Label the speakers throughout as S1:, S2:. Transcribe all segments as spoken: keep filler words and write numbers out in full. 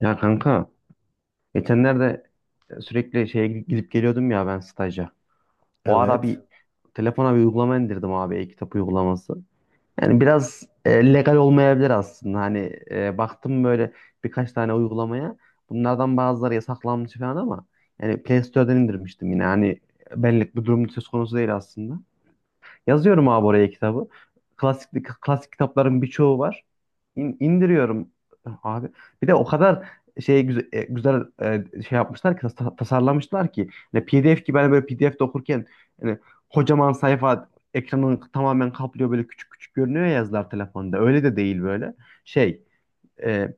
S1: Ya kanka, geçenlerde sürekli şeye gidip gidip geliyordum ya ben staja. O ara bir
S2: Evet.
S1: telefona bir uygulama indirdim abi, e-kitap uygulaması. Yani biraz e, legal olmayabilir aslında. Hani e, baktım böyle birkaç tane uygulamaya. Bunlardan bazıları yasaklanmış falan ama yani Play Store'dan indirmiştim yine. Hani benlik bir durum söz konusu değil aslında. Yazıyorum abi oraya kitabı. Klasik klasik kitapların birçoğu var. İn, indiriyorum abi. Bir de o kadar şey güzel, güzel, e, şey yapmışlar ki, tas- tasarlamışlar ki, hani P D F gibi, ben böyle P D F'de okurken hani kocaman sayfa ekranın tamamen kaplıyor, böyle küçük küçük görünüyor ya yazılar telefonda. Öyle de değil böyle. Şey, e,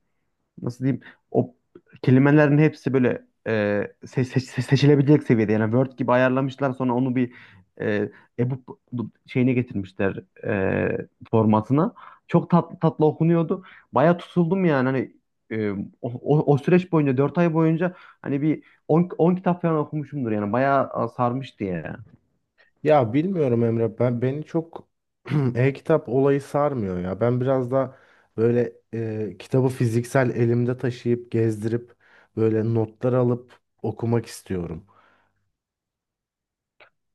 S1: nasıl diyeyim, o kelimelerin hepsi böyle, e, se- se- seçilebilecek seviyede, yani Word gibi ayarlamışlar, sonra onu bir, e, ebook şeyine getirmişler, e, formatına. Çok tatlı tatlı okunuyordu. Baya tutuldum yani, hani e, o, o, o süreç boyunca, dört ay boyunca hani bir on kitap falan okumuşumdur yani, bayağı sarmıştı yani.
S2: Ya bilmiyorum Emre. Ben beni çok e-kitap olayı sarmıyor ya. Ben biraz da böyle e, kitabı fiziksel elimde taşıyıp gezdirip böyle notlar alıp okumak istiyorum.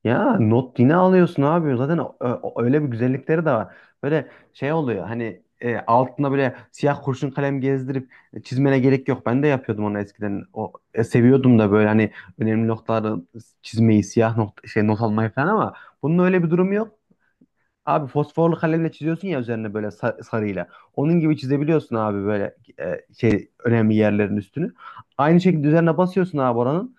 S1: Ya, not yine alıyorsun abi. Zaten ö- ö- öyle bir güzellikleri de var. Böyle şey oluyor hani, e, altına böyle siyah kurşun kalem gezdirip e, çizmene gerek yok. Ben de yapıyordum onu eskiden. O, e, seviyordum da böyle hani önemli noktaları çizmeyi, siyah not, şey, not almayı falan, ama bunun öyle bir durumu yok. Abi fosforlu kalemle çiziyorsun ya üzerine, böyle sa- sarıyla. Onun gibi çizebiliyorsun abi böyle, e, şey, önemli yerlerin üstünü. Aynı şekilde üzerine basıyorsun abi, oranın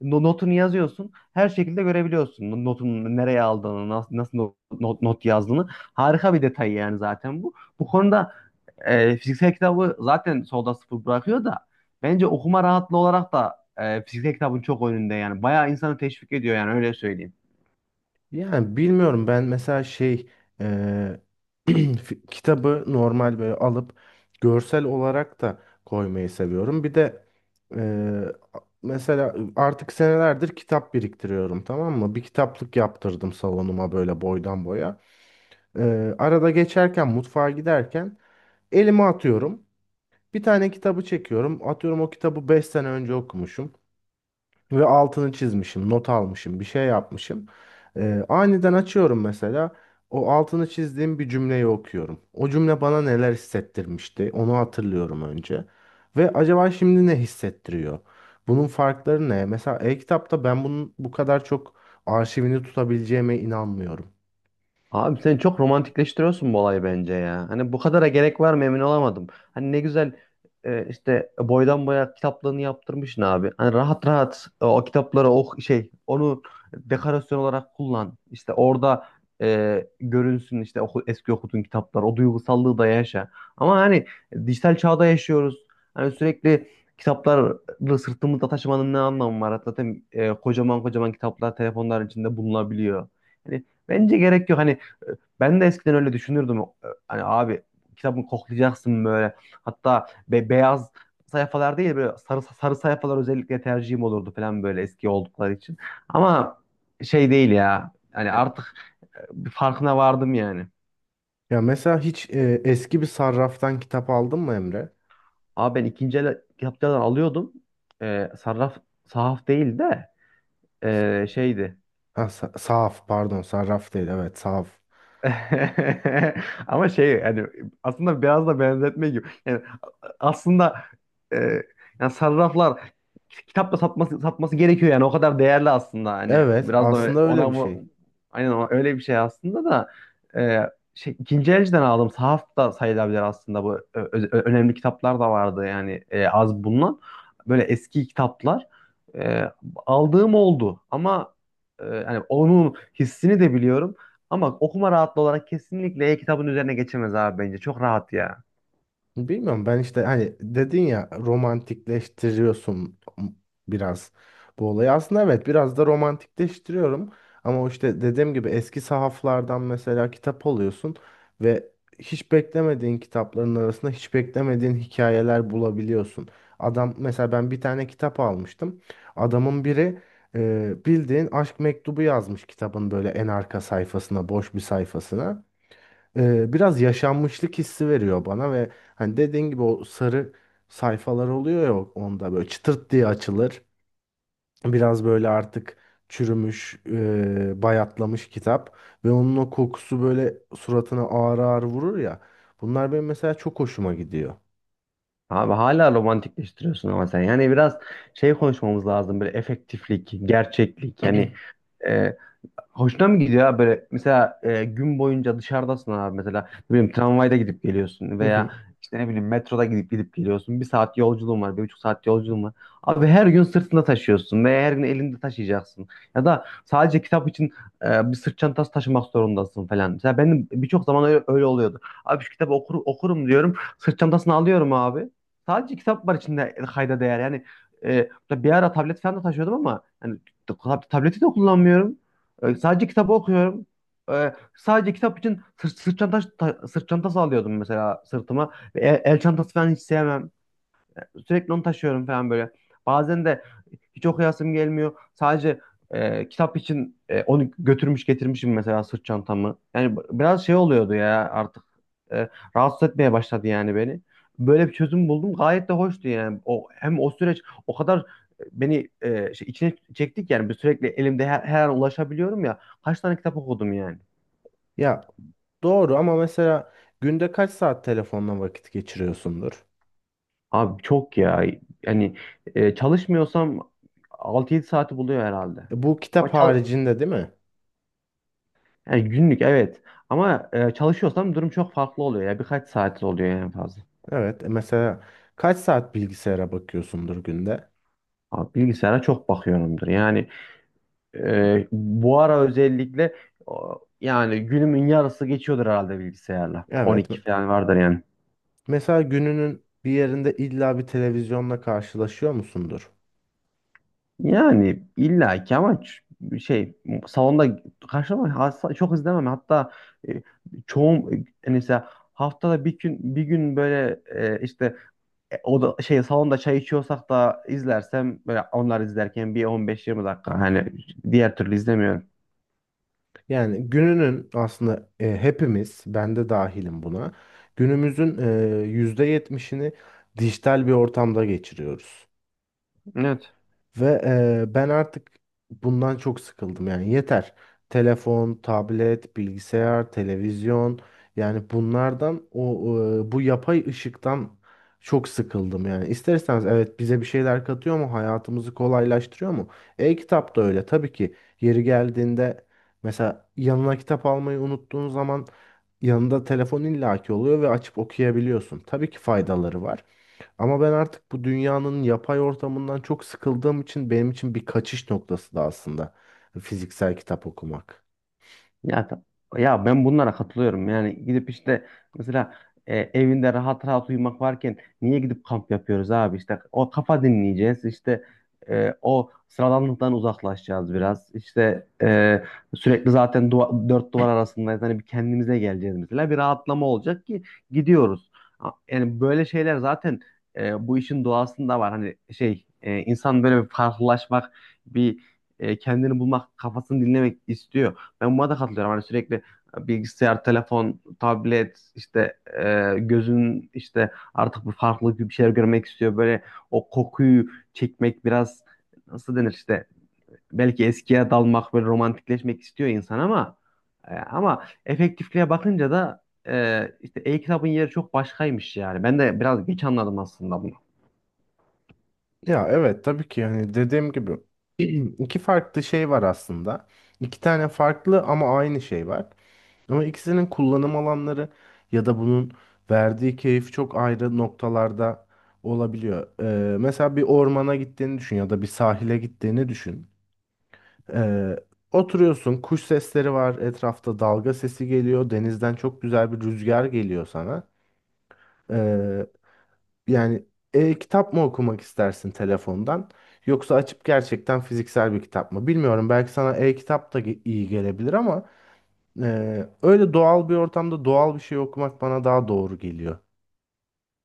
S1: no- notunu yazıyorsun. Her şekilde görebiliyorsun no- notun nereye aldığını, nas- nasıl no- not, not yazdığını. Harika bir detay yani zaten bu. Bu konuda e, fiziksel kitabı zaten solda sıfır bırakıyor da, bence okuma rahatlığı olarak da e, fiziksel kitabın çok önünde yani. Bayağı insanı teşvik ediyor yani, öyle söyleyeyim.
S2: Yani bilmiyorum ben mesela şey e, fi- kitabı normal böyle alıp görsel olarak da koymayı seviyorum. Bir de e, mesela artık senelerdir kitap biriktiriyorum, tamam mı? Bir kitaplık yaptırdım salonuma böyle boydan boya. Ee, arada geçerken mutfağa giderken elime atıyorum. Bir tane kitabı çekiyorum. Atıyorum, o kitabı beş sene önce okumuşum. Ve altını çizmişim, not almışım, bir şey yapmışım. Ee, aniden açıyorum mesela. O altını çizdiğim bir cümleyi okuyorum. O cümle bana neler hissettirmişti, onu hatırlıyorum önce. Ve acaba şimdi ne hissettiriyor? Bunun farkları ne? Mesela e-kitapta ben bunun bu kadar çok arşivini tutabileceğime inanmıyorum.
S1: Abi sen çok romantikleştiriyorsun bu olayı, bence ya. Hani bu kadara gerek var mı emin olamadım. Hani ne güzel, e, işte boydan boya kitaplığını yaptırmışsın abi. Hani rahat rahat, e, o kitapları, o şey, onu dekorasyon olarak kullan. İşte orada e, görünsün, işte oku, eski okuduğun kitaplar, o duygusallığı da yaşa. Ama hani dijital çağda yaşıyoruz. Hani sürekli kitapları sırtımızda taşımanın ne anlamı var? Zaten e, kocaman kocaman kitaplar telefonların içinde bulunabiliyor. Hani bence gerek yok. Hani ben de eskiden öyle düşünürdüm. Hani abi, kitabını koklayacaksın böyle. Hatta be beyaz sayfalar değil, böyle sarı sarı sayfalar özellikle tercihim olurdu falan, böyle eski oldukları için. Ama şey değil ya. Hani artık e, bir farkına vardım yani.
S2: Ya mesela hiç e, eski bir sarraftan kitap aldın mı Emre?
S1: Abi, ben ikinci el kitaplardan alıyordum. Ee, sarraf, sahaf değil de, ee, şeydi.
S2: Ha, sa- sahaf, pardon, sarraf değil, evet, sahaf.
S1: Ama şey yani, aslında biraz da benzetme gibi. Yani aslında, e, yani sarraflar, kitapla satması satması gerekiyor yani, o kadar değerli aslında hani,
S2: Evet,
S1: biraz da evet,
S2: aslında
S1: öyle-
S2: öyle bir
S1: ona
S2: şey.
S1: bu, aynen o- öyle bir şey aslında da, e, şey, ikinci elciden aldım, sahaf da sayılabilir aslında bu. Ö- ö- önemli kitaplar da vardı yani, e, az bulunan böyle eski kitaplar e, aldığım oldu, ama e, yani onun hissini de biliyorum, ama okuma rahatlığı olarak kesinlikle e-kitabın üzerine geçemez abi, bence çok rahat ya.
S2: Bilmiyorum, ben işte hani dedin ya, romantikleştiriyorsun biraz bu olayı. Aslında evet, biraz da romantikleştiriyorum. Ama o işte dediğim gibi eski sahaflardan mesela kitap alıyorsun ve hiç beklemediğin kitapların arasında hiç beklemediğin hikayeler bulabiliyorsun. Adam, mesela ben bir tane kitap almıştım. Adamın biri e, bildiğin aşk mektubu yazmış kitabın böyle en arka sayfasına, boş bir sayfasına e, biraz yaşanmışlık hissi veriyor bana ve hani dediğin gibi o sarı sayfalar oluyor ya, onda böyle çıtırt diye açılır. Biraz böyle artık çürümüş, e, bayatlamış kitap ve onun o kokusu böyle suratına ağır ağır vurur ya. Bunlar benim mesela çok hoşuma gidiyor.
S1: Abi hala romantikleştiriyorsun ama sen. Yani biraz şey konuşmamız lazım. Böyle efektiflik, gerçeklik. Yani, e, hoşuna mı gidiyor abi? Böyle mesela e, gün boyunca dışarıdasın abi, mesela ne bileyim, tramvayda gidip geliyorsun
S2: Hı
S1: veya
S2: hı.
S1: işte ne bileyim, metroda gidip gidip geliyorsun, bir saat yolculuğun var, bir buçuk saat yolculuğun var abi, her gün sırtında taşıyorsun veya her gün elinde taşıyacaksın, ya da sadece kitap için e, bir sırt çantası taşımak zorundasın falan. Mesela benim birçok zaman öyle, öyle oluyordu abi, şu kitabı okur, okurum diyorum, sırt çantasını alıyorum abi, sadece kitap var içinde, e, kayda değer yani. E, bir ara tablet falan da taşıyordum ama yani, tab- tableti de kullanmıyorum, ee, sadece kitabı okuyorum. Ee, sadece kitap için sırt, sırt çantası, ta- sırt çantası alıyordum mesela sırtıma. Ve El, el çantası falan hiç sevmem. Sürekli onu taşıyorum falan böyle. Bazen de hiç okuyasım gelmiyor. Sadece e, kitap için, e, onu götürmüş getirmişim mesela sırt çantamı. Yani b- biraz şey oluyordu ya, artık e, rahatsız etmeye başladı yani beni. Böyle bir çözüm buldum. Gayet de hoştu yani. O hem o süreç o kadar e, beni e, şey, içine çektik yani. Bir sürekli elimde, her, her an ulaşabiliyorum ya. Kaç tane kitap okudum yani.
S2: Ya doğru ama, mesela günde kaç saat telefonla vakit geçiriyorsundur?
S1: Abi çok ya. Yani e, çalışmıyorsam altı yedi saati buluyor herhalde.
S2: E, Bu
S1: O
S2: kitap
S1: çal-
S2: haricinde değil mi?
S1: Yani günlük, evet. Ama e, çalışıyorsam durum çok farklı oluyor ya. Birkaç saat oluyor en fazla.
S2: Evet. e, Mesela kaç saat bilgisayara bakıyorsundur günde?
S1: Abi, bilgisayara çok bakıyorumdur. Yani e, bu ara özellikle, o, yani günümün yarısı geçiyordur herhalde bilgisayarla.
S2: Evet.
S1: on iki
S2: m-
S1: falan vardır yani.
S2: Mesela gününün bir yerinde illa bir televizyonla karşılaşıyor musundur?
S1: Yani illa ki, ama ç- şey, salonda karşılama, asla- çok izlemem. Hatta e, çoğum, e, mesela haftada bir gün bir gün böyle, e, işte, E, o da şey, salonda çay içiyorsak da izlersem böyle, onlar izlerken bir on beş yirmi dakika, hani diğer türlü izlemiyorum.
S2: Yani gününün aslında, e, hepimiz, ben de dahilim buna, günümüzün e, yüzde yetmişini dijital bir ortamda geçiriyoruz.
S1: Evet.
S2: Ve e, ben artık bundan çok sıkıldım, yani yeter. Telefon, tablet, bilgisayar, televizyon, yani bunlardan o e, bu yapay ışıktan çok sıkıldım yani. İsterseniz evet, bize bir şeyler katıyor mu? Hayatımızı kolaylaştırıyor mu? E-kitap da öyle tabii ki. Yeri geldiğinde mesela yanına kitap almayı unuttuğun zaman yanında telefon illaki oluyor ve açıp okuyabiliyorsun. Tabii ki faydaları var. Ama ben artık bu dünyanın yapay ortamından çok sıkıldığım için benim için bir kaçış noktası da aslında fiziksel kitap okumak.
S1: Ya, ta- Ya ben bunlara katılıyorum. Yani gidip işte, mesela e, evinde rahat rahat uyumak varken niye gidip kamp yapıyoruz abi? İşte o, kafa dinleyeceğiz. İşte e, o sıradanlıktan uzaklaşacağız biraz. İşte e, sürekli zaten duva- dört duvar arasındayız. Hani bir kendimize geleceğiz mesela. Bir rahatlama olacak ki gidiyoruz. A- Yani böyle şeyler zaten e, bu işin doğasında var. Hani şey, e, insan böyle bir farklılaşmak, bir e, kendini bulmak, kafasını dinlemek istiyor. Ben buna da katılıyorum. Hani sürekli e, bilgisayar, telefon, tablet, işte e, gözün işte artık bir farklı bir şeyler görmek istiyor. Böyle o kokuyu çekmek biraz, nasıl denir işte, belki eskiye dalmak, böyle romantikleşmek istiyor insan, ama e, ama efektifliğe bakınca da e, işte e-kitabın yeri çok başkaymış yani. Ben de biraz geç anladım aslında bunu.
S2: Ya evet, tabii ki, yani dediğim gibi iki farklı şey var aslında. İki tane farklı ama aynı şey var. Ama ikisinin kullanım alanları ya da bunun verdiği keyif çok ayrı noktalarda olabiliyor. Ee, mesela bir ormana gittiğini düşün ya da bir sahile gittiğini düşün. Ee, Oturuyorsun, kuş sesleri var, etrafta dalga sesi geliyor, denizden çok güzel bir rüzgar geliyor sana. Ee, Yani e-kitap mı okumak istersin telefondan, yoksa açıp gerçekten fiziksel bir kitap mı? Bilmiyorum, belki sana e-kitap da ge- iyi gelebilir ama e, öyle doğal bir ortamda doğal bir şey okumak bana daha doğru geliyor.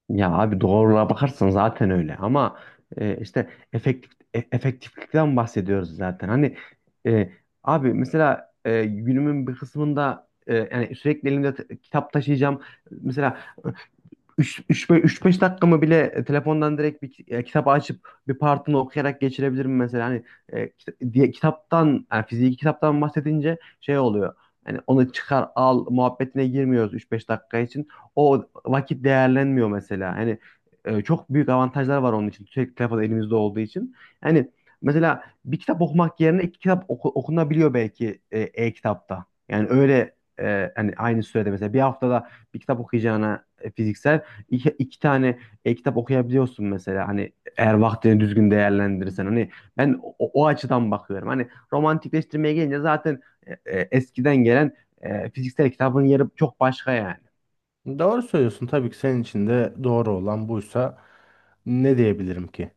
S1: Ya abi,
S2: Yok.
S1: doğruluğa bakarsan zaten öyle, ama e, işte efektif e- efektiflikten bahsediyoruz zaten. Hani e, abi, mesela e, günümün bir kısmında e, yani sürekli elimde t- kitap taşıyacağım. Mesela üç beş dakikamı bile e, telefondan direkt bir e, kitap açıp bir partını okuyarak geçirebilirim mesela. Hani e, kita- diye, kitaptan, yani fiziki kitaptan bahsedince şey oluyor. Hani onu çıkar al muhabbetine girmiyoruz üç beş dakika için. O vakit değerlenmiyor mesela. Hani e, çok büyük avantajlar var onun için. Sürekli telefon elimizde olduğu için. Yani mesela bir kitap okumak yerine iki kitap oku- okunabiliyor belki e, e-kitapta. Yani öyle, e, hani aynı sürede mesela bir haftada bir kitap okuyacağına e, fiziksel iki, iki tane e, kitap okuyabiliyorsun mesela. Hani eğer vaktini düzgün değerlendirirsen, hani ben o, o açıdan bakıyorum. Hani romantikleştirmeye gelince zaten e, e, eskiden gelen e, fiziksel kitabın yeri çok başka yani.
S2: Doğru söylüyorsun. Tabii ki senin için de doğru olan buysa ne diyebilirim ki?